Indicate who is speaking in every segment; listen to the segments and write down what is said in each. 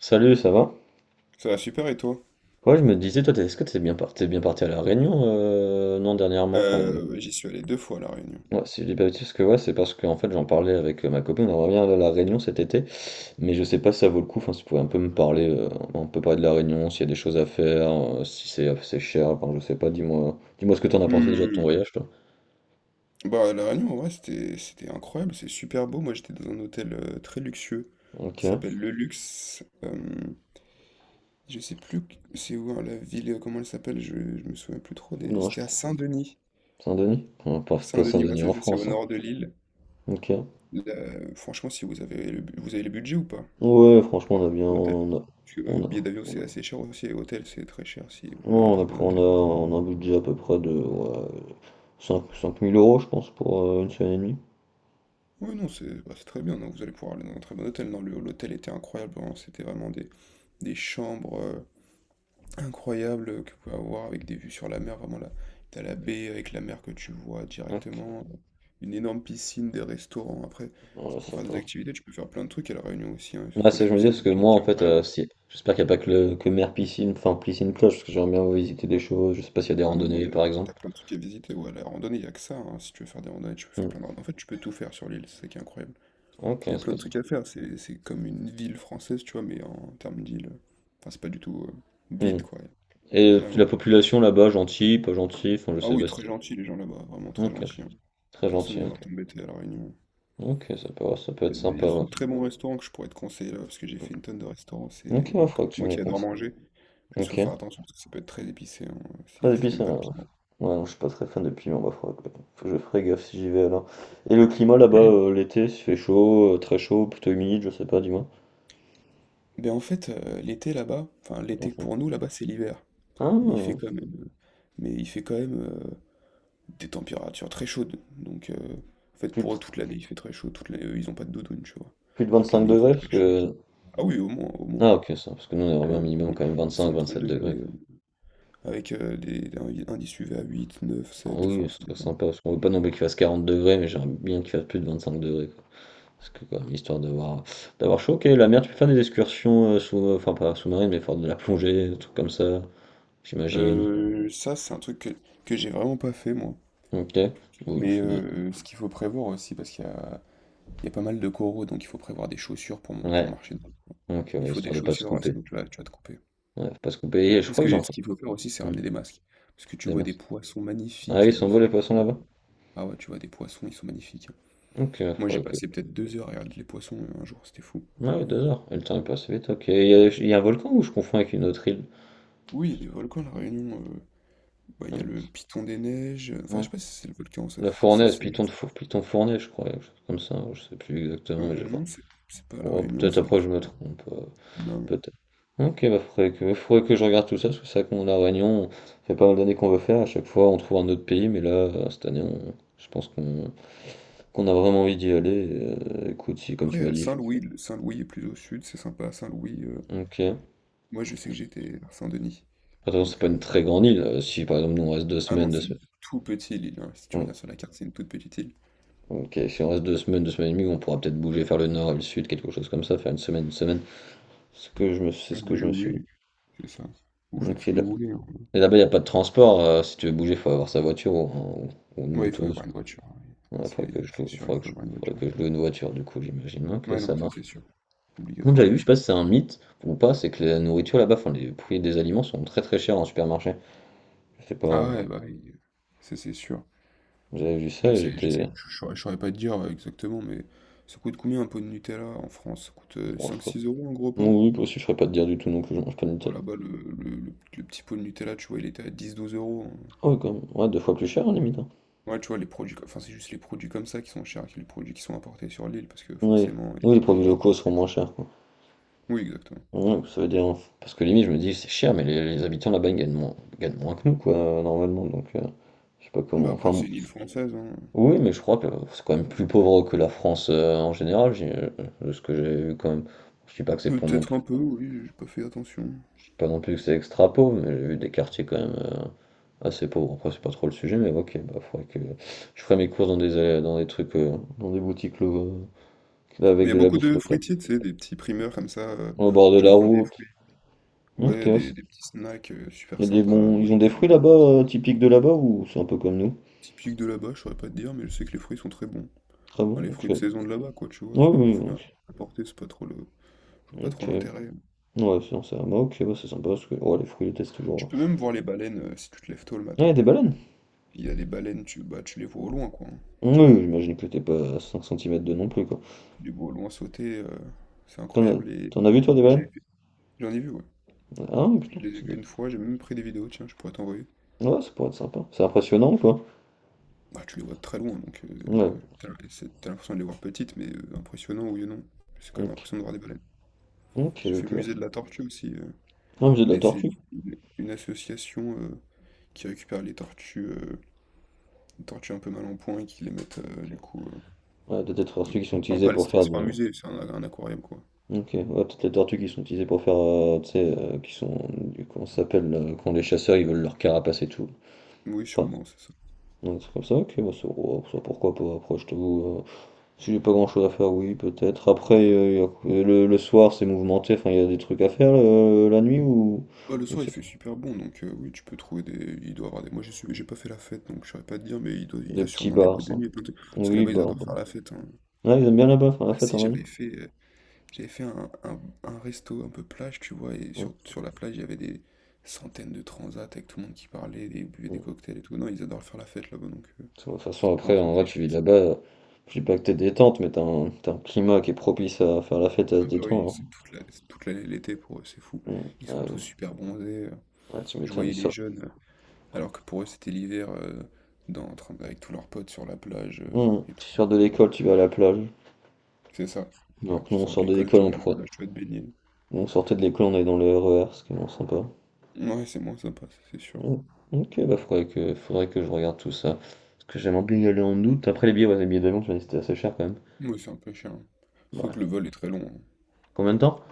Speaker 1: Salut, ça va?
Speaker 2: Ça va super et toi?
Speaker 1: Ouais, je me disais, toi, est-ce que t'es bien, t'es bien parti à La Réunion, non, dernièrement, enfin,
Speaker 2: Ouais, j'y suis allé deux fois à La Réunion.
Speaker 1: ouais, si je dis pas de bêtises, parce que ouais, c'est parce que, en fait, j'en parlais avec ma copine, on revient à La Réunion cet été, mais je sais pas si ça vaut le coup, enfin, si tu pouvais un peu me parler, on peut parler de La Réunion, s'il y a des choses à faire, si c'est assez cher, enfin, je sais pas, dis-moi, dis-moi ce que t'en as pensé déjà de ton
Speaker 2: Hmm,
Speaker 1: voyage, toi.
Speaker 2: Bah, La Réunion, en vrai, c'était incroyable, c'est super beau. Moi, j'étais dans un hôtel très luxueux
Speaker 1: Ok,
Speaker 2: qui s'appelle Le Luxe. Je sais plus c'est où hein, la ville, comment elle s'appelle, je me souviens plus trop.
Speaker 1: non, je
Speaker 2: C'était à
Speaker 1: trouve.
Speaker 2: Saint-Denis.
Speaker 1: Saint-Denis? On passe pas
Speaker 2: Saint-Denis, ouais,
Speaker 1: Saint-Denis
Speaker 2: c'est
Speaker 1: en
Speaker 2: ça, c'est au
Speaker 1: France, hein.
Speaker 2: nord de l'île.
Speaker 1: Ok.
Speaker 2: Là, franchement, si vous avez le budget ou pas
Speaker 1: Ouais, franchement, on a bien,
Speaker 2: pour l'hôtel? Parce que
Speaker 1: on a,
Speaker 2: billet d'avion, c'est assez cher aussi, et hôtel, c'est très cher si vous voulez un
Speaker 1: non, on a,
Speaker 2: très
Speaker 1: pris-
Speaker 2: bon hôtel.
Speaker 1: on a un budget à peu près de, ouais, 5, 5000 euros, je pense, pour une semaine et demie.
Speaker 2: Oui, non, c'est très bien. Donc vous allez pouvoir aller dans un très bon hôtel. Non, l'hôtel était incroyable. Vraiment, c'était vraiment des chambres incroyables que vous pouvez avoir avec des vues sur la mer. Vraiment, là, t'as la baie avec la mer que tu vois
Speaker 1: Ok,
Speaker 2: directement. Une énorme piscine, des restaurants. Après,
Speaker 1: non, là,
Speaker 2: pour
Speaker 1: c'est un
Speaker 2: faire
Speaker 1: peu.
Speaker 2: des activités, tu peux faire plein de trucs à La Réunion aussi, hein, et
Speaker 1: Là,
Speaker 2: surtout la
Speaker 1: ça, je me dis,
Speaker 2: cuisine
Speaker 1: parce que
Speaker 2: locale
Speaker 1: moi,
Speaker 2: qui
Speaker 1: en
Speaker 2: est
Speaker 1: fait,
Speaker 2: incroyable.
Speaker 1: si... j'espère qu'il n'y a pas que, le... que mer piscine, enfin, piscine cloche, parce que j'aimerais bien visiter des choses, je sais pas s'il y a des
Speaker 2: Ah non, non,
Speaker 1: randonnées, par
Speaker 2: t'as
Speaker 1: exemple.
Speaker 2: plein de trucs à visiter. Ouais, la randonnée, il n'y a que ça, hein. Si tu veux faire des randonnées, tu peux faire
Speaker 1: Hmm.
Speaker 2: plein de randonnées. En fait, tu peux tout faire sur l'île. C'est ça qui est incroyable.
Speaker 1: Ok,
Speaker 2: Il y a
Speaker 1: c'est
Speaker 2: plein
Speaker 1: pas
Speaker 2: de
Speaker 1: ça.
Speaker 2: trucs à faire, c'est comme une ville française, tu vois, mais en termes d'île. Enfin, c'est pas du tout
Speaker 1: Hmm.
Speaker 2: vide, quoi.
Speaker 1: Et
Speaker 2: Il y a
Speaker 1: la
Speaker 2: vraiment des trucs à faire.
Speaker 1: population là-bas, gentille, pas gentille, enfin, je
Speaker 2: Ah
Speaker 1: sais
Speaker 2: oui,
Speaker 1: pas si
Speaker 2: très gentils les gens là-bas, vraiment très
Speaker 1: Ok,
Speaker 2: gentils, hein.
Speaker 1: très
Speaker 2: Personne ne
Speaker 1: gentil,
Speaker 2: vient
Speaker 1: ok.
Speaker 2: t'embêter à La Réunion.
Speaker 1: Ok, ça peut
Speaker 2: Il y,
Speaker 1: être
Speaker 2: a il y
Speaker 1: sympa,
Speaker 2: a
Speaker 1: ouais.
Speaker 2: surtout de très bons restaurants que je pourrais te conseiller là, parce que j'ai fait une tonne de restaurants.
Speaker 1: Ok,
Speaker 2: C'est
Speaker 1: il
Speaker 2: moi, comme-
Speaker 1: faudra que tu
Speaker 2: moi
Speaker 1: me les
Speaker 2: qui adore
Speaker 1: conseilles.
Speaker 2: manger, juste faut
Speaker 1: Ok.
Speaker 2: faire attention parce que ça peut être très épicé, hein,
Speaker 1: Très
Speaker 2: si
Speaker 1: épicé,
Speaker 2: t'aimes pas
Speaker 1: ouais.
Speaker 2: le piment.
Speaker 1: Ouais, non, je suis pas très fan de piment, bah, faut que je ferai gaffe si j'y vais alors. Et le climat là-bas, l'été, s'il fait chaud, très chaud, plutôt humide, je sais pas, dis-moi.
Speaker 2: Ben en fait, l'été là-bas, enfin l'été
Speaker 1: Mhm.
Speaker 2: pour nous là-bas c'est l'hiver, mais il fait
Speaker 1: Ah,
Speaker 2: quand même, euh, mais il fait quand même des températures très chaudes. Donc, en fait,
Speaker 1: plus de,
Speaker 2: pour eux, toute l'année, il fait très chaud. Toute l'année, eux, ils ont pas de doudoune, tu vois.
Speaker 1: plus de
Speaker 2: Toute
Speaker 1: 25
Speaker 2: l'année, il fait
Speaker 1: degrés, parce
Speaker 2: très chaud.
Speaker 1: que...
Speaker 2: Ah oui, au moins, au moins.
Speaker 1: Ah ok, ça, parce que nous on aimerait bien
Speaker 2: Au
Speaker 1: minimum
Speaker 2: moins
Speaker 1: quand même
Speaker 2: 25, 30
Speaker 1: 25-27
Speaker 2: degrés,
Speaker 1: degrés, quoi.
Speaker 2: avec des indices UV à 8, 9,
Speaker 1: Ah
Speaker 2: 7,
Speaker 1: oui,
Speaker 2: enfin,
Speaker 1: c'est
Speaker 2: ça
Speaker 1: très
Speaker 2: dépend.
Speaker 1: sympa, parce qu'on veut pas non plus qu'il fasse 40 degrés, mais j'aimerais bien qu'il fasse plus de 25 degrés, quoi. Parce que quand même, histoire d'avoir chaud, ok, la mer, tu peux faire des excursions sous... enfin, pas sous-marine, mais faire de la plongée, des trucs comme ça, j'imagine.
Speaker 2: Ça, c'est un truc que j'ai vraiment pas fait, moi.
Speaker 1: Ok. Ouh,
Speaker 2: Mais
Speaker 1: ça doit-
Speaker 2: ce qu'il faut prévoir aussi, parce qu'il y a pas mal de coraux, donc il faut prévoir des chaussures pour
Speaker 1: Ouais.
Speaker 2: marcher dedans.
Speaker 1: Donc,
Speaker 2: Il faut des
Speaker 1: histoire de pas se
Speaker 2: chaussures,
Speaker 1: couper.
Speaker 2: sinon tu vas te couper.
Speaker 1: Ouais, faut pas se couper. Et je
Speaker 2: Mais
Speaker 1: crois que
Speaker 2: ce
Speaker 1: j'entends.
Speaker 2: qu'il faut faire aussi, c'est
Speaker 1: Hmm,
Speaker 2: ramener des masques. Parce que tu
Speaker 1: des
Speaker 2: vois des
Speaker 1: masses.
Speaker 2: poissons
Speaker 1: Ah oui,
Speaker 2: magnifiques
Speaker 1: ils
Speaker 2: de
Speaker 1: s'envolent les
Speaker 2: toutes les
Speaker 1: poissons
Speaker 2: couleurs.
Speaker 1: là-bas.
Speaker 2: Ah ouais, tu vois, des poissons, ils sont magnifiques, hein.
Speaker 1: Ok,
Speaker 2: Moi, j'ai
Speaker 1: faudrait que.
Speaker 2: passé peut-être 2 heures à regarder les poissons un jour, c'était fou.
Speaker 1: Ah oui, 2 heures. Et le temps est passé vite. Ok, il y a un volcan ou je confonds avec une autre île?
Speaker 2: Oui, il y a des volcans à La Réunion. Bah, il y a
Speaker 1: Hmm,
Speaker 2: le Piton des Neiges. Enfin, je
Speaker 1: ouais.
Speaker 2: sais pas si c'est le volcan, ça.
Speaker 1: La Fournaise, Python de Four, Python Fournaise, je crois, quelque chose comme ça. Je sais plus exactement, mais j'ai
Speaker 2: Non,
Speaker 1: pas.
Speaker 2: c'est pas à La
Speaker 1: Bon,
Speaker 2: Réunion,
Speaker 1: peut-être
Speaker 2: c'est le
Speaker 1: après je me
Speaker 2: Piton.
Speaker 1: trompe.
Speaker 2: Non.
Speaker 1: Peut-être. Ok, bah faudrait que je regarde tout ça, parce que c'est vrai qu'on la Réunion, ça fait pas mal d'années qu'on veut faire, à chaque fois on trouve un autre pays, mais là, cette année, je pense qu'on a vraiment envie d'y aller. Écoute, si comme
Speaker 2: Après,
Speaker 1: tu m'as
Speaker 2: il
Speaker 1: dit,
Speaker 2: Saint-Louis. Saint-Louis est plus au sud, c'est sympa. Saint-Louis,
Speaker 1: ok.
Speaker 2: moi, je sais que j'étais à Saint-Denis.
Speaker 1: Attention,
Speaker 2: Donc,
Speaker 1: c'est pas une très grande île. Si par exemple nous on reste deux
Speaker 2: ah non,
Speaker 1: semaines, deux
Speaker 2: c'est
Speaker 1: semaines.
Speaker 2: une toute petite île, hein. Si tu
Speaker 1: Hmm.
Speaker 2: regardes sur la carte, c'est une toute petite île.
Speaker 1: Ok, si on reste 2 semaines, 2 semaines et demie, on pourra peut-être bouger vers le nord et le sud, quelque chose comme ça, faire une semaine, une semaine. C'est ce que
Speaker 2: Oui,
Speaker 1: je me suis dit.
Speaker 2: oui, c'est ça. Vous faites
Speaker 1: Ok,
Speaker 2: ce que vous voulez, hein.
Speaker 1: et là-bas, il n'y a pas de transport. Si tu veux bouger, il faut avoir sa voiture ou, ou une
Speaker 2: Ouais, il faut
Speaker 1: moto.
Speaker 2: avoir une voiture, hein.
Speaker 1: Il
Speaker 2: Là, c'est
Speaker 1: faudrait que je
Speaker 2: c'est
Speaker 1: loue,
Speaker 2: sûr, il faut avoir une
Speaker 1: faudrait
Speaker 2: voiture.
Speaker 1: que je loue une voiture, du coup, j'imagine bien que
Speaker 2: Ouais,
Speaker 1: ça
Speaker 2: non, ça
Speaker 1: marche.
Speaker 2: c'est sûr.
Speaker 1: Bon, j'avais vu, je sais
Speaker 2: Obligatoirement.
Speaker 1: pas si c'est un mythe ou pas, c'est que la nourriture là-bas, enfin, les prix des aliments sont très très chers en supermarché. Je sais pas,
Speaker 2: Ah ouais, bah oui, ça c'est sûr.
Speaker 1: j'avais vu ça
Speaker 2: Je
Speaker 1: et
Speaker 2: sais, je sais,
Speaker 1: j'étais.
Speaker 2: je saurais pas te dire exactement, mais ça coûte combien un pot de Nutella en France? Ça coûte
Speaker 1: Bon,
Speaker 2: 5-6 euros un gros pot?
Speaker 1: oui, oui, aussi, je ferais pas de dire du tout non plus, je mange pas de
Speaker 2: Bon,
Speaker 1: Nutella.
Speaker 2: là-bas, le petit pot de Nutella, tu vois, il était à 10-12 euros, hein.
Speaker 1: Ah oui, quand même. Ouais, deux fois plus cher, hein, limite, hein.
Speaker 2: Ouais, tu vois, les produits, enfin, c'est juste les produits comme ça qui sont chers, que les produits qui sont importés sur l'île, parce que
Speaker 1: Oui.
Speaker 2: forcément,
Speaker 1: Oui, les
Speaker 2: ils doivent
Speaker 1: produits locaux seront
Speaker 2: l'importer.
Speaker 1: moins chers, quoi.
Speaker 2: Oui, exactement.
Speaker 1: Ouais, ça veut dire, hein, parce que limite, je me dis, c'est cher, mais les habitants là-bas, ils gagnent moins que nous, quoi, normalement. Donc, je sais pas
Speaker 2: Bah
Speaker 1: comment. Enfin,
Speaker 2: après,
Speaker 1: bon,
Speaker 2: c'est une île française, hein.
Speaker 1: oui, mais je crois que c'est quand même plus pauvre que la France en général, de ce que j'ai vu quand même. Je dis pas que c'est pour non.
Speaker 2: Peut-être un peu, oui, j'ai pas fait attention.
Speaker 1: Je dis pas non plus que c'est extra pauvre, mais j'ai vu des quartiers quand même assez pauvres. Après, c'est pas trop le sujet, mais ok, bah, faudrait que je ferai mes courses dans des trucs, dans des boutiques
Speaker 2: Mais il
Speaker 1: avec
Speaker 2: y a
Speaker 1: de la
Speaker 2: beaucoup
Speaker 1: bouffe
Speaker 2: de
Speaker 1: locale.
Speaker 2: fruitiers, tu sais, des petits primeurs comme ça,
Speaker 1: Au bord
Speaker 2: où
Speaker 1: de
Speaker 2: tu veux
Speaker 1: la
Speaker 2: prendre des.
Speaker 1: route. Ok,
Speaker 2: Ouais,
Speaker 1: ouais,
Speaker 2: des petits snacks
Speaker 1: il y
Speaker 2: super
Speaker 1: a des
Speaker 2: sympas.
Speaker 1: bons...
Speaker 2: Moi,
Speaker 1: Ils ont des
Speaker 2: j'étais allé
Speaker 1: fruits
Speaker 2: manger dans
Speaker 1: là-bas,
Speaker 2: des snacks
Speaker 1: typiques de là-bas, ou c'est un peu comme nous?
Speaker 2: typiques de là-bas, je saurais pas te dire, mais je sais que les fruits sont très bons.
Speaker 1: Très
Speaker 2: Enfin,
Speaker 1: bon,
Speaker 2: les
Speaker 1: ok.
Speaker 2: fruits de
Speaker 1: Ouais,
Speaker 2: saison de là-bas, quoi, tu vois. Enfin, les
Speaker 1: oui, oui,
Speaker 2: fruits
Speaker 1: ok.
Speaker 2: importés, c'est pas trop le. Je vois pas trop
Speaker 1: Ok.
Speaker 2: l'intérêt.
Speaker 1: Ouais, sinon c'est un bah, ok, bah, c'est sympa, parce que oh, les fruits, ils les testent
Speaker 2: Tu
Speaker 1: toujours.
Speaker 2: peux même voir les baleines si tu te lèves tôt le
Speaker 1: Ah, il y
Speaker 2: matin.
Speaker 1: a des baleines?
Speaker 2: Il y a des baleines, tu les vois au loin, quoi, hein.
Speaker 1: Oui, j'imagine que t'es pas à 5 cm de non plus, quoi.
Speaker 2: Tu les vois au loin sauter, c'est
Speaker 1: T'en as...
Speaker 2: incroyable. Et.
Speaker 1: T'en as vu, toi, des
Speaker 2: Moi,
Speaker 1: baleines?
Speaker 2: j'en ai vu, ouais.
Speaker 1: Ah,
Speaker 2: Je
Speaker 1: putain,
Speaker 2: les ai
Speaker 1: c'est
Speaker 2: vus une fois, j'ai même pris des vidéos, tiens, je pourrais t'envoyer.
Speaker 1: ouais, ça pourrait être sympa. C'est impressionnant, quoi.
Speaker 2: Bah, tu les vois de très loin, donc
Speaker 1: Ouais.
Speaker 2: t'as l'impression de les voir petites, mais impressionnant, oui ou non. C'est quand même
Speaker 1: Ok.
Speaker 2: impressionnant de voir des baleines.
Speaker 1: Ok,
Speaker 2: J'ai fait
Speaker 1: ok.
Speaker 2: musée de la tortue aussi.
Speaker 1: Non, mais c'est de la
Speaker 2: Et c'est
Speaker 1: tortue.
Speaker 2: une association qui récupère les tortues un peu mal en point et qui les mettent du
Speaker 1: Ok.
Speaker 2: coup.
Speaker 1: Ouais, peut-être les tortues qui sont
Speaker 2: Enfin,
Speaker 1: utilisées
Speaker 2: pas, les-
Speaker 1: pour faire
Speaker 2: c'est pas un
Speaker 1: des...
Speaker 2: musée, c'est un aquarium quoi.
Speaker 1: Ok, ouais, peut-être les tortues qui sont utilisées pour faire, tu sais, qui sont, comment ça s'appelle, quand les chasseurs, ils veulent leur carapace et tout.
Speaker 2: Oui,
Speaker 1: Enfin,
Speaker 2: sûrement, c'est ça.
Speaker 1: donc c'est comme ça, ok, bah, ouais, ça, pourquoi pas, après, je t'avoue, si j'ai pas grand-chose à faire, oui, peut-être. Après, le soir, c'est mouvementé, enfin, il y a des trucs à faire, la nuit, ou,
Speaker 2: Bah, le soir il
Speaker 1: c'est
Speaker 2: fait super bon donc oui, tu peux trouver des. Il doit y avoir des. Moi j'ai pas fait la fête donc je saurais pas te dire, mais il doit. Il y
Speaker 1: des
Speaker 2: a
Speaker 1: petits
Speaker 2: sûrement des
Speaker 1: bars,
Speaker 2: boîtes de
Speaker 1: ça.
Speaker 2: nuit. Parce que
Speaker 1: Oui,
Speaker 2: là-bas ils
Speaker 1: bars,
Speaker 2: adorent
Speaker 1: bah.
Speaker 2: faire la fête, hein.
Speaker 1: Ouais, ils aiment bien là-bas, faire la
Speaker 2: Ah
Speaker 1: fête,
Speaker 2: si,
Speaker 1: en
Speaker 2: j'avais fait. J'avais fait un resto un peu plage, tu vois, et sur la plage, il y avait des centaines de transats avec tout le monde qui parlait, des buvait des
Speaker 1: vrai.
Speaker 2: cocktails et tout. Non, ils adorent faire la fête là-bas, donc
Speaker 1: De toute façon,
Speaker 2: c'est pas un
Speaker 1: après, en vrai,
Speaker 2: souci, je
Speaker 1: tu vis
Speaker 2: pense.
Speaker 1: là-bas, je dis pas que t'es détente, mais t'as un climat qui est propice à faire la fête, à se
Speaker 2: Ah bah oui,
Speaker 1: détendre,
Speaker 2: c'est toute l'année l'été pour eux, c'est fou.
Speaker 1: hein. Mm.
Speaker 2: Ils sont
Speaker 1: Ah oui.
Speaker 2: tous super bronzés.
Speaker 1: Ah, tu
Speaker 2: Je
Speaker 1: m'étonnes,
Speaker 2: voyais
Speaker 1: ils
Speaker 2: les
Speaker 1: sortent.
Speaker 2: jeunes, alors que pour eux, c'était l'hiver, avec tous leurs potes sur la plage
Speaker 1: Mm.
Speaker 2: et tout.
Speaker 1: Tu sors de
Speaker 2: Incroyable.
Speaker 1: l'école, tu vas à la plage.
Speaker 2: C'est ça. Ouais,
Speaker 1: Alors que
Speaker 2: tu
Speaker 1: nous, on
Speaker 2: sors de
Speaker 1: sort de
Speaker 2: l'école,
Speaker 1: l'école,
Speaker 2: tu vas à la plage, tu vas te baigner.
Speaker 1: nous, on sortait de l'école, on est dans le RER, ce qui est moins sympa.
Speaker 2: Ouais, c'est moins sympa, ça, c'est sûr.
Speaker 1: Mm. Ok, bah faudrait que je regarde tout ça. Parce que j'aimerais bien y aller en août. Après les billets, ouais, les billets d'avion, tu m'as dit que c'était assez cher quand même.
Speaker 2: Oui, c'est un peu cher, hein. Surtout que le
Speaker 1: Ouais.
Speaker 2: vol est très long, hein.
Speaker 1: Combien de temps?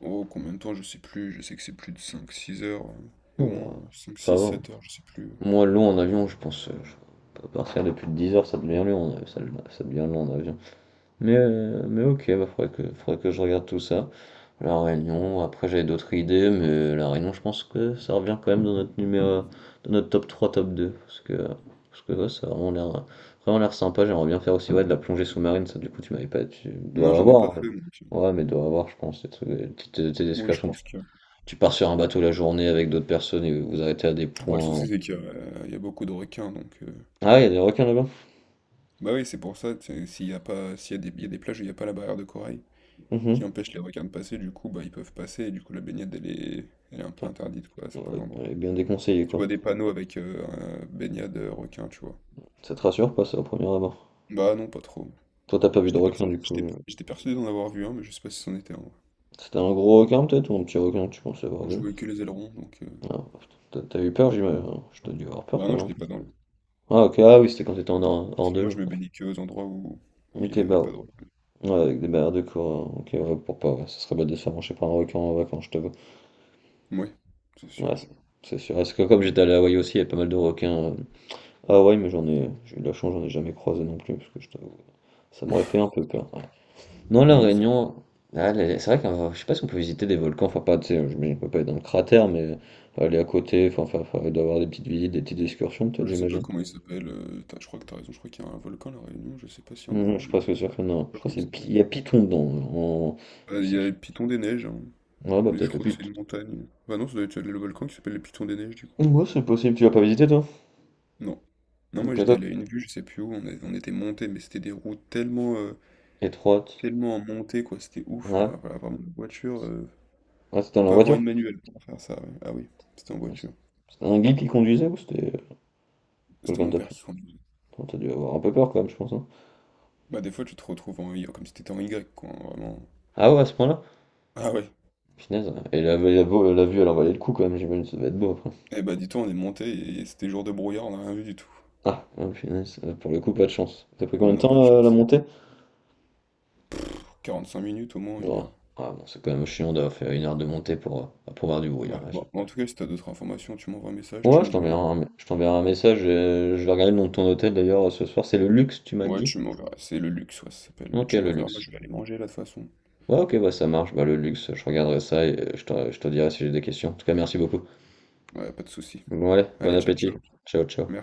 Speaker 2: Oh, combien de temps, je sais plus, je sais que c'est plus de 5-6 heures, au
Speaker 1: Bon,
Speaker 2: moins cinq
Speaker 1: ça
Speaker 2: six
Speaker 1: va, hein.
Speaker 2: sept heures, je sais plus.
Speaker 1: Moi, long en avion, je pense, je peux partir depuis 10 heures, ça devient long, ça devient long en avion. Mais ok, bah, faudrait que je regarde tout ça. La Réunion, après j'avais d'autres idées, mais La Réunion, je pense que ça revient quand même dans notre top 3 top 2 parce que, ouais, ça a vraiment l'air sympa. J'aimerais bien faire aussi, ouais, de la plongée sous-marine, ça, du coup, tu m'avais pas tu
Speaker 2: Non,
Speaker 1: dois
Speaker 2: j'en ai pas
Speaker 1: avoir, hein?
Speaker 2: fait, donc.
Speaker 1: Ouais, mais dois avoir, je pense, des trucs, des petites, tu des
Speaker 2: Oui, je
Speaker 1: excursions, tu
Speaker 2: pense que.
Speaker 1: tu pars sur un bateau la journée avec d'autres personnes et vous arrêtez à des
Speaker 2: Après, le
Speaker 1: points.
Speaker 2: souci, c'est il y a beaucoup de requins, donc.
Speaker 1: Ah, il y a des requins là-bas?
Speaker 2: Bah oui, c'est pour ça, tu sais, s'il y a pas, s'il y a des, il y a des plages où il n'y a pas la barrière de corail qui
Speaker 1: Mmh,
Speaker 2: empêche les requins de passer, du coup, bah ils peuvent passer, et du coup, la baignade, elle est un peu interdite, quoi, à
Speaker 1: ouais,
Speaker 2: certains endroits.
Speaker 1: elle est bien déconseillé
Speaker 2: Tu vois
Speaker 1: quoi.
Speaker 2: des panneaux avec un baignade requin, tu vois.
Speaker 1: Ça te rassure pas, ça, au premier abord?
Speaker 2: Bah non, pas trop.
Speaker 1: Toi, t'as pas vu de
Speaker 2: J'étais
Speaker 1: requin
Speaker 2: persuadé,
Speaker 1: du
Speaker 2: j'étais
Speaker 1: coup.
Speaker 2: j'étais persuadé d'en avoir vu un, mais je sais pas si c'en était un, ouais.
Speaker 1: C'était un gros requin peut-être ou un petit requin, tu pensais avoir
Speaker 2: Je
Speaker 1: vu?
Speaker 2: voulais que les ailerons, donc.
Speaker 1: Ah, putain, t'as eu peur, j'imagine, hein. Je t'ai dû avoir peur
Speaker 2: Bah
Speaker 1: quand
Speaker 2: non,
Speaker 1: même.
Speaker 2: j'étais pas dans l'eau.
Speaker 1: Ah, ok, ah oui, c'était quand t'étais en hors, hors
Speaker 2: Parce que
Speaker 1: de
Speaker 2: moi,
Speaker 1: l'eau.
Speaker 2: je me baignais que aux endroits où il
Speaker 1: Ok,
Speaker 2: n'y avait
Speaker 1: bah
Speaker 2: pas de requins.
Speaker 1: ouais. Ouais, avec des barrières de corps. Ok, ouais, pour pas, ouais, ça serait bête de se faire manger par un requin en vacances, je t'avoue.
Speaker 2: Ouais, c'est sûr.
Speaker 1: Ouais, c'est sûr. Parce que comme j'étais allé à Hawaï aussi, il y avait pas mal de requins. À Hawaï, mais j'en ai. J'ai eu de la chance, j'en ai jamais croisé non plus, parce que je t'avoue. Ça m'aurait fait un peu peur. Ouais. Non, La
Speaker 2: Oui, on sait.
Speaker 1: Réunion, ah, c'est vrai que je sais pas si on peut visiter des volcans, enfin pas, tu sais, je on peut pas être dans le cratère, mais aller à côté, enfin, il doit y avoir des petites visites, des petites excursions peut-être,
Speaker 2: Je sais pas
Speaker 1: j'imagine.
Speaker 2: comment il s'appelle. Je crois que t'as raison. Je crois qu'il y a un volcan à La Réunion. Je sais pas s'il y en a
Speaker 1: Non, je
Speaker 2: un,
Speaker 1: suis
Speaker 2: mais
Speaker 1: presque sûr que
Speaker 2: je
Speaker 1: non.
Speaker 2: sais
Speaker 1: Je
Speaker 2: pas
Speaker 1: crois que
Speaker 2: comment il
Speaker 1: c'est
Speaker 2: s'appelle.
Speaker 1: il y a Piton dedans. En...
Speaker 2: Ah,
Speaker 1: Je
Speaker 2: il
Speaker 1: sais
Speaker 2: y a
Speaker 1: qui.
Speaker 2: le Piton des Neiges, hein,
Speaker 1: Ouais, bah
Speaker 2: mais je
Speaker 1: peut-être le
Speaker 2: crois que c'est
Speaker 1: Piton.
Speaker 2: une montagne. Bah non, ça doit être le volcan qui s'appelle le Piton des Neiges, du coup.
Speaker 1: Ouais, c'est possible, tu vas pas visiter toi?
Speaker 2: Non. Non,
Speaker 1: Ok,
Speaker 2: moi j'étais
Speaker 1: toi,
Speaker 2: allé à une vue, je sais plus où. On était monté, mais c'était des routes tellement,
Speaker 1: étroite.
Speaker 2: tellement en montée, quoi. C'était ouf.
Speaker 1: Ouais,
Speaker 2: Voilà, vraiment, la voiture.
Speaker 1: ouais c'était
Speaker 2: Faut
Speaker 1: dans la
Speaker 2: pas avoir
Speaker 1: voiture.
Speaker 2: une manuelle pour faire ça, ouais. Ah oui, c'était en voiture.
Speaker 1: C'était un guide qui conduisait ou c'était
Speaker 2: C'était
Speaker 1: quelqu'un
Speaker 2: mon
Speaker 1: de ta
Speaker 2: père
Speaker 1: famille?
Speaker 2: qui conduisait.
Speaker 1: Attends, t'as dû avoir un peu peur quand même, je pense, hein.
Speaker 2: Bah des fois tu te retrouves en Y, comme si t'étais en Y quoi, hein, vraiment.
Speaker 1: Ah ouais, à ce point-là?
Speaker 2: Ah ouais.
Speaker 1: Punaise, ouais. Et la vue, elle en valait le coup quand même, j'imagine, ça devait être beau après.
Speaker 2: Eh bah dis-toi, on est monté et c'était jour de brouillard, on a rien vu du tout.
Speaker 1: Ah, ah, punaise, pour le coup, pas de chance. Ça a pris combien
Speaker 2: Ouais,
Speaker 1: de
Speaker 2: non, pas de
Speaker 1: temps la
Speaker 2: chance.
Speaker 1: montée?
Speaker 2: 45 minutes au moins, une
Speaker 1: Bon,
Speaker 2: heure.
Speaker 1: ah, bon, c'est quand même chiant d'avoir fait 1 heure de montée pour voir du bruit,
Speaker 2: Ouais,
Speaker 1: hein. Je-
Speaker 2: bon, en tout cas, si t'as d'autres informations, tu m'envoies un message, tu
Speaker 1: Ouais, je
Speaker 2: me
Speaker 1: t'enverrai
Speaker 2: demandes.
Speaker 1: un, je t'enverrai un message. Je vais regarder le nom de ton hôtel d'ailleurs ce soir. C'est le luxe, tu m'as
Speaker 2: Ouais,
Speaker 1: dit?
Speaker 2: tu m'enverras, c'est le luxe, ouais, ça s'appelle, mais
Speaker 1: Ok,
Speaker 2: tu
Speaker 1: le
Speaker 2: m'enverras, moi
Speaker 1: luxe.
Speaker 2: je vais aller manger là de toute façon.
Speaker 1: Ouais, ok, bah ça marche. Bah, le luxe, je regarderai ça et je te dirai si j'ai des questions. En tout cas, merci beaucoup.
Speaker 2: Ouais, pas de souci.
Speaker 1: Bon, allez, bon
Speaker 2: Allez, ciao,
Speaker 1: appétit.
Speaker 2: ciao.
Speaker 1: Ciao, ciao.
Speaker 2: Merci.